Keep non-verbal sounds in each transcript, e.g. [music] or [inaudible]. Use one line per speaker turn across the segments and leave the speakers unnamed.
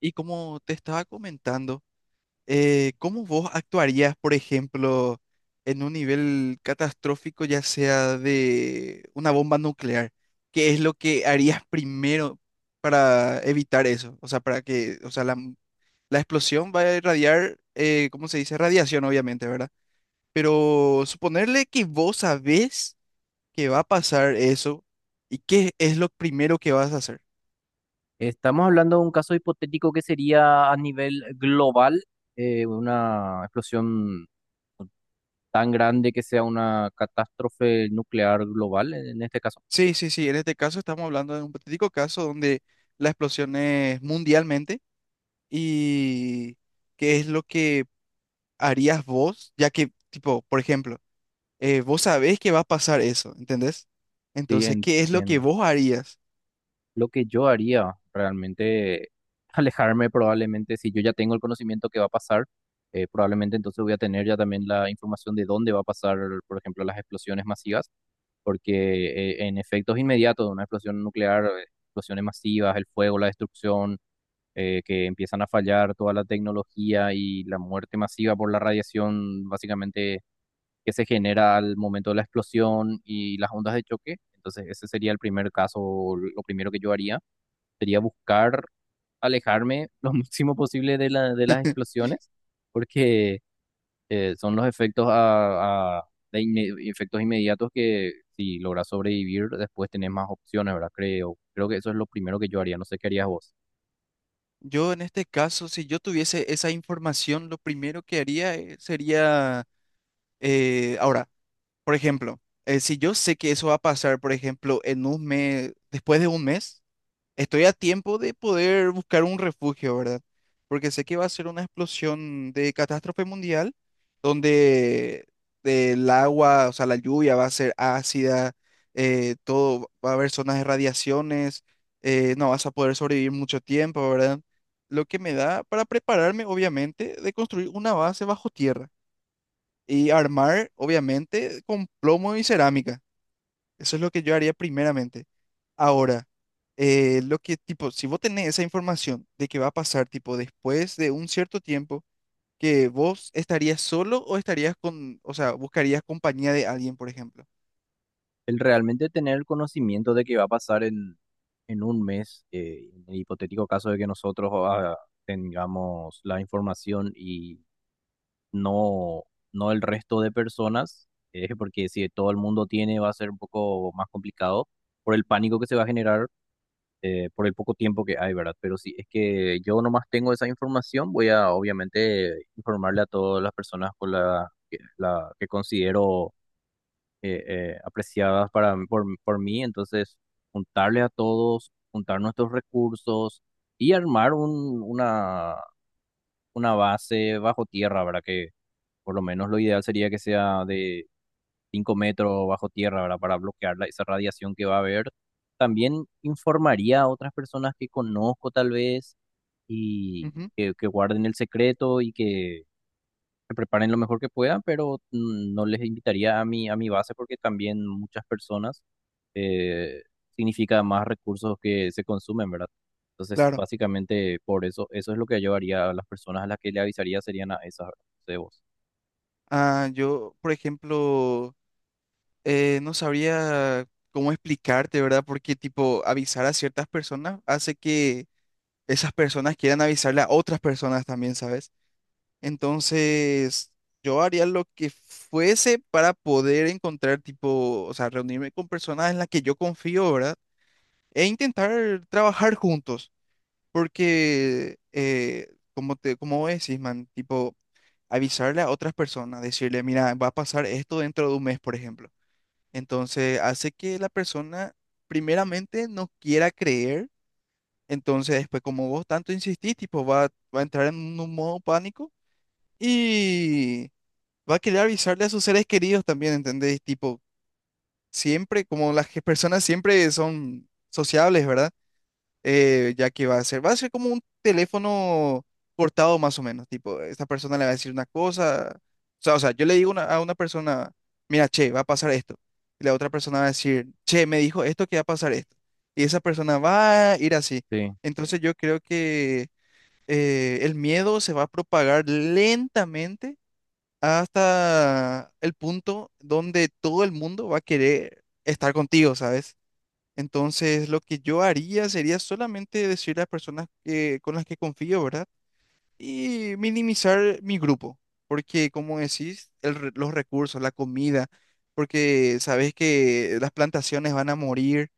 Y como te estaba comentando, ¿cómo vos actuarías, por ejemplo, en un nivel catastrófico, ya sea de una bomba nuclear? ¿Qué es lo que harías primero para evitar eso? O sea, para que, o sea, la explosión va a irradiar, ¿cómo se dice? Radiación, obviamente, ¿verdad? Pero suponerle que vos sabés que va a pasar eso, ¿y qué es lo primero que vas a hacer?
Estamos hablando de un caso hipotético que sería a nivel global, una explosión tan grande que sea una catástrofe nuclear global en este caso.
Sí, sí, sí. En este caso estamos hablando de un patético caso donde la explosión es mundialmente y qué es lo que harías vos, ya que, tipo, por ejemplo, vos sabés que va a pasar eso, ¿entendés?
Sí,
Entonces, ¿qué es lo que
entiendo.
vos harías?
Lo que yo haría realmente, [laughs] alejarme probablemente, si yo ya tengo el conocimiento que va a pasar, probablemente entonces voy a tener ya también la información de dónde va a pasar, por ejemplo, las explosiones masivas, porque en efectos inmediatos de una explosión nuclear, explosiones masivas, el fuego, la destrucción que empiezan a fallar toda la tecnología y la muerte masiva por la radiación, básicamente, que se genera al momento de la explosión y las ondas de choque. Entonces, ese sería el primer caso, lo primero que yo haría, sería buscar alejarme [laughs] lo máximo posible de de las explosiones, porque son los efectos efectos inmediatos que si logras sobrevivir, después tenés más opciones, ¿verdad? Creo que eso es lo primero que yo haría, no sé qué harías vos.
Yo en este caso, si yo tuviese esa información, lo primero que haría sería, ahora, por ejemplo, si yo sé que eso va a pasar, por ejemplo, en un mes, después de un mes. Estoy a tiempo de poder buscar un refugio, ¿verdad? Porque sé que va a ser una explosión de catástrofe mundial donde el agua, o sea, la lluvia va a ser ácida, todo, va a haber zonas de radiaciones, no vas a poder sobrevivir mucho tiempo, ¿verdad? Lo que me da para prepararme, obviamente, de construir una base bajo tierra y armar, obviamente, con plomo y cerámica. Eso es lo que yo haría primeramente. Ahora, lo que, tipo, si vos tenés esa información de que va a pasar, tipo, después de un cierto tiempo, que vos estarías solo o estarías o sea, buscarías compañía de alguien, por ejemplo.
El realmente tener el conocimiento de que va a pasar en un mes, en el hipotético caso de que nosotros tengamos la información y no, no el resto de personas, porque si todo el mundo tiene va a ser un poco más complicado por el pánico que se va a generar, por el poco tiempo que hay, ¿verdad? Pero si es que yo nomás tengo esa información, voy a obviamente informarle a todas las personas con la que considero eh, apreciadas por mí. Entonces, juntarle a todos, juntar nuestros recursos y armar una base bajo tierra, ¿verdad? Que por lo menos lo ideal sería que sea de 5 metros bajo tierra, ¿verdad? Para bloquear esa radiación que va a haber. También informaría a otras personas que conozco tal vez
Ujú,
que guarden el secreto y que preparen lo mejor que puedan, pero no les invitaría a a mi base porque también muchas personas eh, significa más recursos que se consumen, ¿verdad? Entonces,
claro.
básicamente por eso, eso es lo que yo haría a las personas a las que le avisaría serían a esas, ¿verdad? No sé vos.
Ah, yo, por ejemplo, no sabría cómo explicarte, ¿verdad? Porque, tipo, avisar a ciertas personas hace que esas personas quieran avisarle a otras personas también, ¿sabes? Entonces, yo haría lo que fuese para poder encontrar, tipo, o sea, reunirme con personas en las que yo confío, ¿verdad? E intentar trabajar juntos, porque, como te, como vos decís, man, tipo, avisarle a otras personas, decirle, mira, va a pasar esto dentro de un mes, por ejemplo. Entonces, hace que la persona, primeramente, no quiera creer. Entonces, después, como vos tanto insistís, tipo, va a entrar en un modo pánico. Y va a querer avisarle a sus seres queridos también, ¿entendés? Tipo, siempre, como personas siempre son sociables, ¿verdad? Ya que va a ser como un teléfono cortado más o menos, tipo, esta persona le va a decir una cosa, o sea, yo le digo a una persona, mira, che, va a pasar esto, y la otra persona va a decir, che, me dijo esto que va a pasar esto, y esa persona va a ir así.
Sí,
Entonces yo creo que el miedo se va a propagar lentamente hasta el punto donde todo el mundo va a querer estar contigo, ¿sabes? Entonces, lo que yo haría sería solamente decir a las personas que, con las que confío, ¿verdad? Y minimizar mi grupo, porque como decís, los recursos, la comida, porque sabes que las plantaciones van a morir,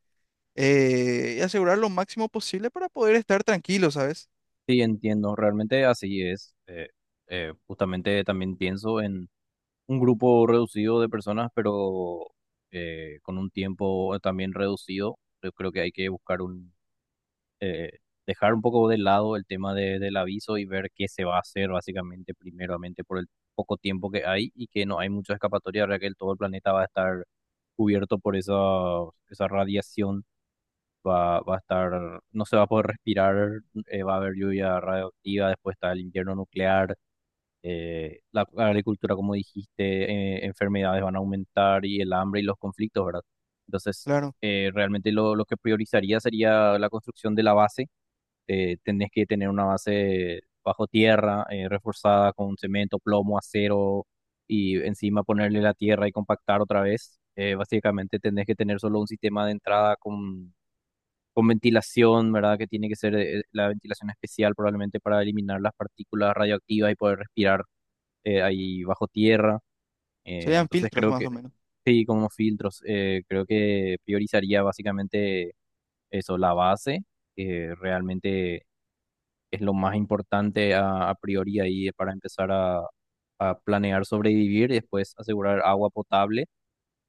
y asegurar lo máximo posible para poder estar tranquilo, ¿sabes?
sí, entiendo, realmente así es. Justamente también pienso en un grupo reducido de personas, pero con un tiempo también reducido. Yo creo que hay que buscar un eh, dejar un poco de lado el tema del aviso y ver qué se va a hacer básicamente primeramente por el poco tiempo que hay y que no hay mucha escapatoria, ahora que todo el planeta va a estar cubierto por esa radiación, va a estar, no se va a poder respirar, va a haber lluvia radioactiva, después está el invierno nuclear, la agricultura, como dijiste, enfermedades van a aumentar y el hambre y los conflictos, ¿verdad? Entonces,
Claro,
realmente lo que priorizaría sería la construcción de la base. Tenés que tener una base bajo tierra, reforzada con cemento, plomo, acero y encima ponerle la tierra y compactar otra vez. Básicamente tenés que tener solo un sistema de entrada con ventilación, ¿verdad? Que tiene que ser la ventilación especial probablemente para eliminar las partículas radioactivas y poder respirar ahí bajo tierra. Eh,
serían
entonces
filtros
creo
más
que,
o menos.
sí, con unos filtros, creo que priorizaría básicamente eso, la base, que realmente es lo más importante a priori ahí para empezar a planear sobrevivir y después asegurar agua potable,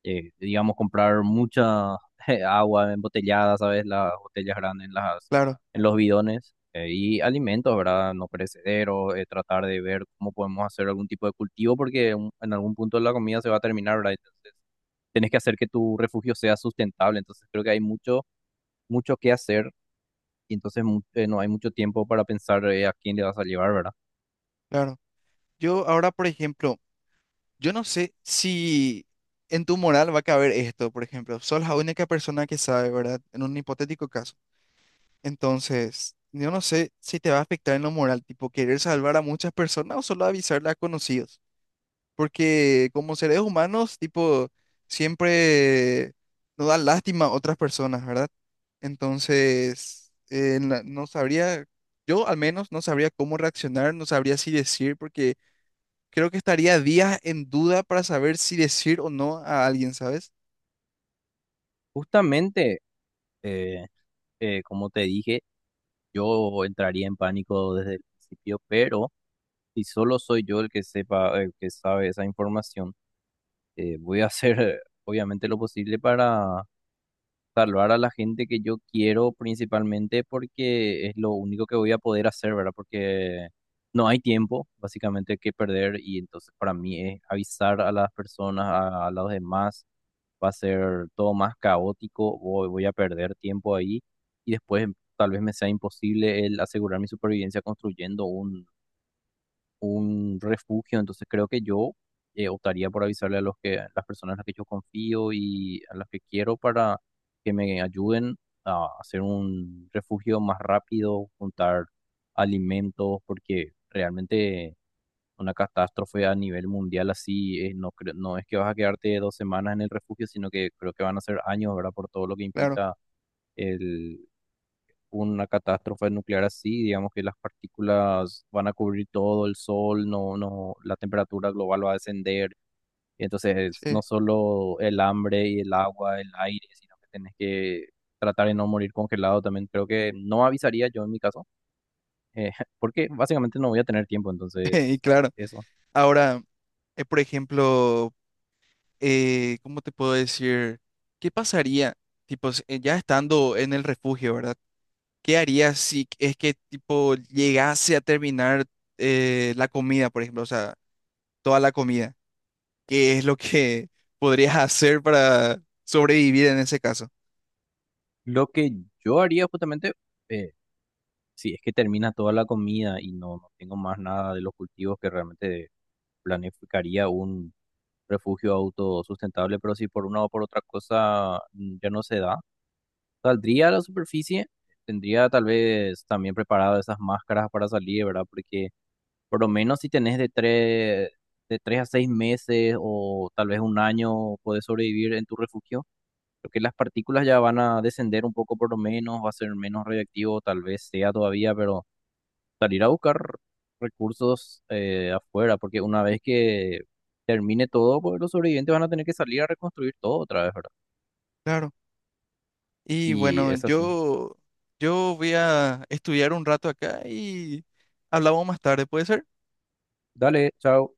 digamos comprar mucha [laughs] agua embotellada, ¿sabes? Las botellas grandes en
Claro,
en los bidones y alimentos, ¿verdad? No perecederos, tratar de ver cómo podemos hacer algún tipo de cultivo porque en algún punto la comida se va a terminar, ¿verdad? Entonces, tienes que hacer que tu refugio sea sustentable, entonces creo que hay mucho que hacer y entonces no hay mucho tiempo para pensar a quién le vas a llevar, ¿verdad?
claro. Yo ahora, por ejemplo, yo no sé si en tu moral va a caber esto, por ejemplo, sos la única persona que sabe, ¿verdad? En un hipotético caso. Entonces, yo no sé si te va a afectar en lo moral, tipo querer salvar a muchas personas o solo avisarle a conocidos. Porque como seres humanos, tipo, siempre nos da lástima a otras personas, ¿verdad? Entonces, no sabría, yo al menos no sabría cómo reaccionar, no sabría si decir, porque creo que estaría días en duda para saber si decir o no a alguien, ¿sabes?
Justamente, eh, como te dije, yo entraría en pánico desde el principio, pero si solo soy yo el que sepa, el que sabe esa información, voy a [laughs] hacer obviamente lo posible para salvar a la gente que yo quiero principalmente porque es lo único que voy a poder hacer, ¿verdad? Porque no hay tiempo básicamente que perder y entonces para mí es avisar a las personas, a los demás va a ser todo más caótico, voy a perder tiempo ahí y después tal vez me sea imposible el asegurar mi supervivencia construyendo un refugio. Entonces creo que yo optaría por avisarle a a las personas a las que yo confío y a las que quiero para que me ayuden a hacer un refugio más rápido, juntar alimentos, porque realmente una catástrofe a nivel mundial así, no es que vas a quedarte 2 semanas en el refugio, sino que creo que van a ser años, ¿verdad? Por todo lo que
Claro,
implica el, una catástrofe nuclear así, digamos que las partículas van a cubrir todo el sol, no, no, la temperatura global va a descender. Entonces, no
sí,
solo el hambre y el agua, el aire, sino que tenés que tratar de no morir congelado también. Creo que no avisaría yo en mi caso, eh, [laughs] porque básicamente no voy a tener tiempo,
[laughs] y
entonces,
claro.
eso.
Ahora, por ejemplo, ¿cómo te puedo decir? ¿Qué pasaría, tipo, ya estando en el refugio, ¿verdad? ¿Qué harías si es que, tipo, llegase a terminar la comida, por ejemplo? O sea, toda la comida. ¿Qué es lo que [laughs] podrías hacer para sobrevivir en ese caso?
Lo que yo haría justamente, eh, si es que termina toda la comida y no tengo más nada de los cultivos que realmente planificaría un refugio autosustentable, pero si por una o por otra cosa ya no se da, saldría a la superficie, tendría tal vez también preparado esas máscaras para salir, ¿verdad? Porque por lo menos si tenés de 3 a 6 meses o tal vez un año, podés sobrevivir en tu refugio lo que las partículas ya van a descender un poco por lo menos, va a ser menos radioactivo, tal vez sea todavía, pero salir a buscar recursos afuera, porque una vez que termine todo, pues los sobrevivientes van a tener que salir a reconstruir todo otra vez, ¿verdad?
Claro. Y
Y
bueno,
es así.
yo voy a estudiar un rato acá y hablamos más tarde, ¿puede ser?
Dale, chao.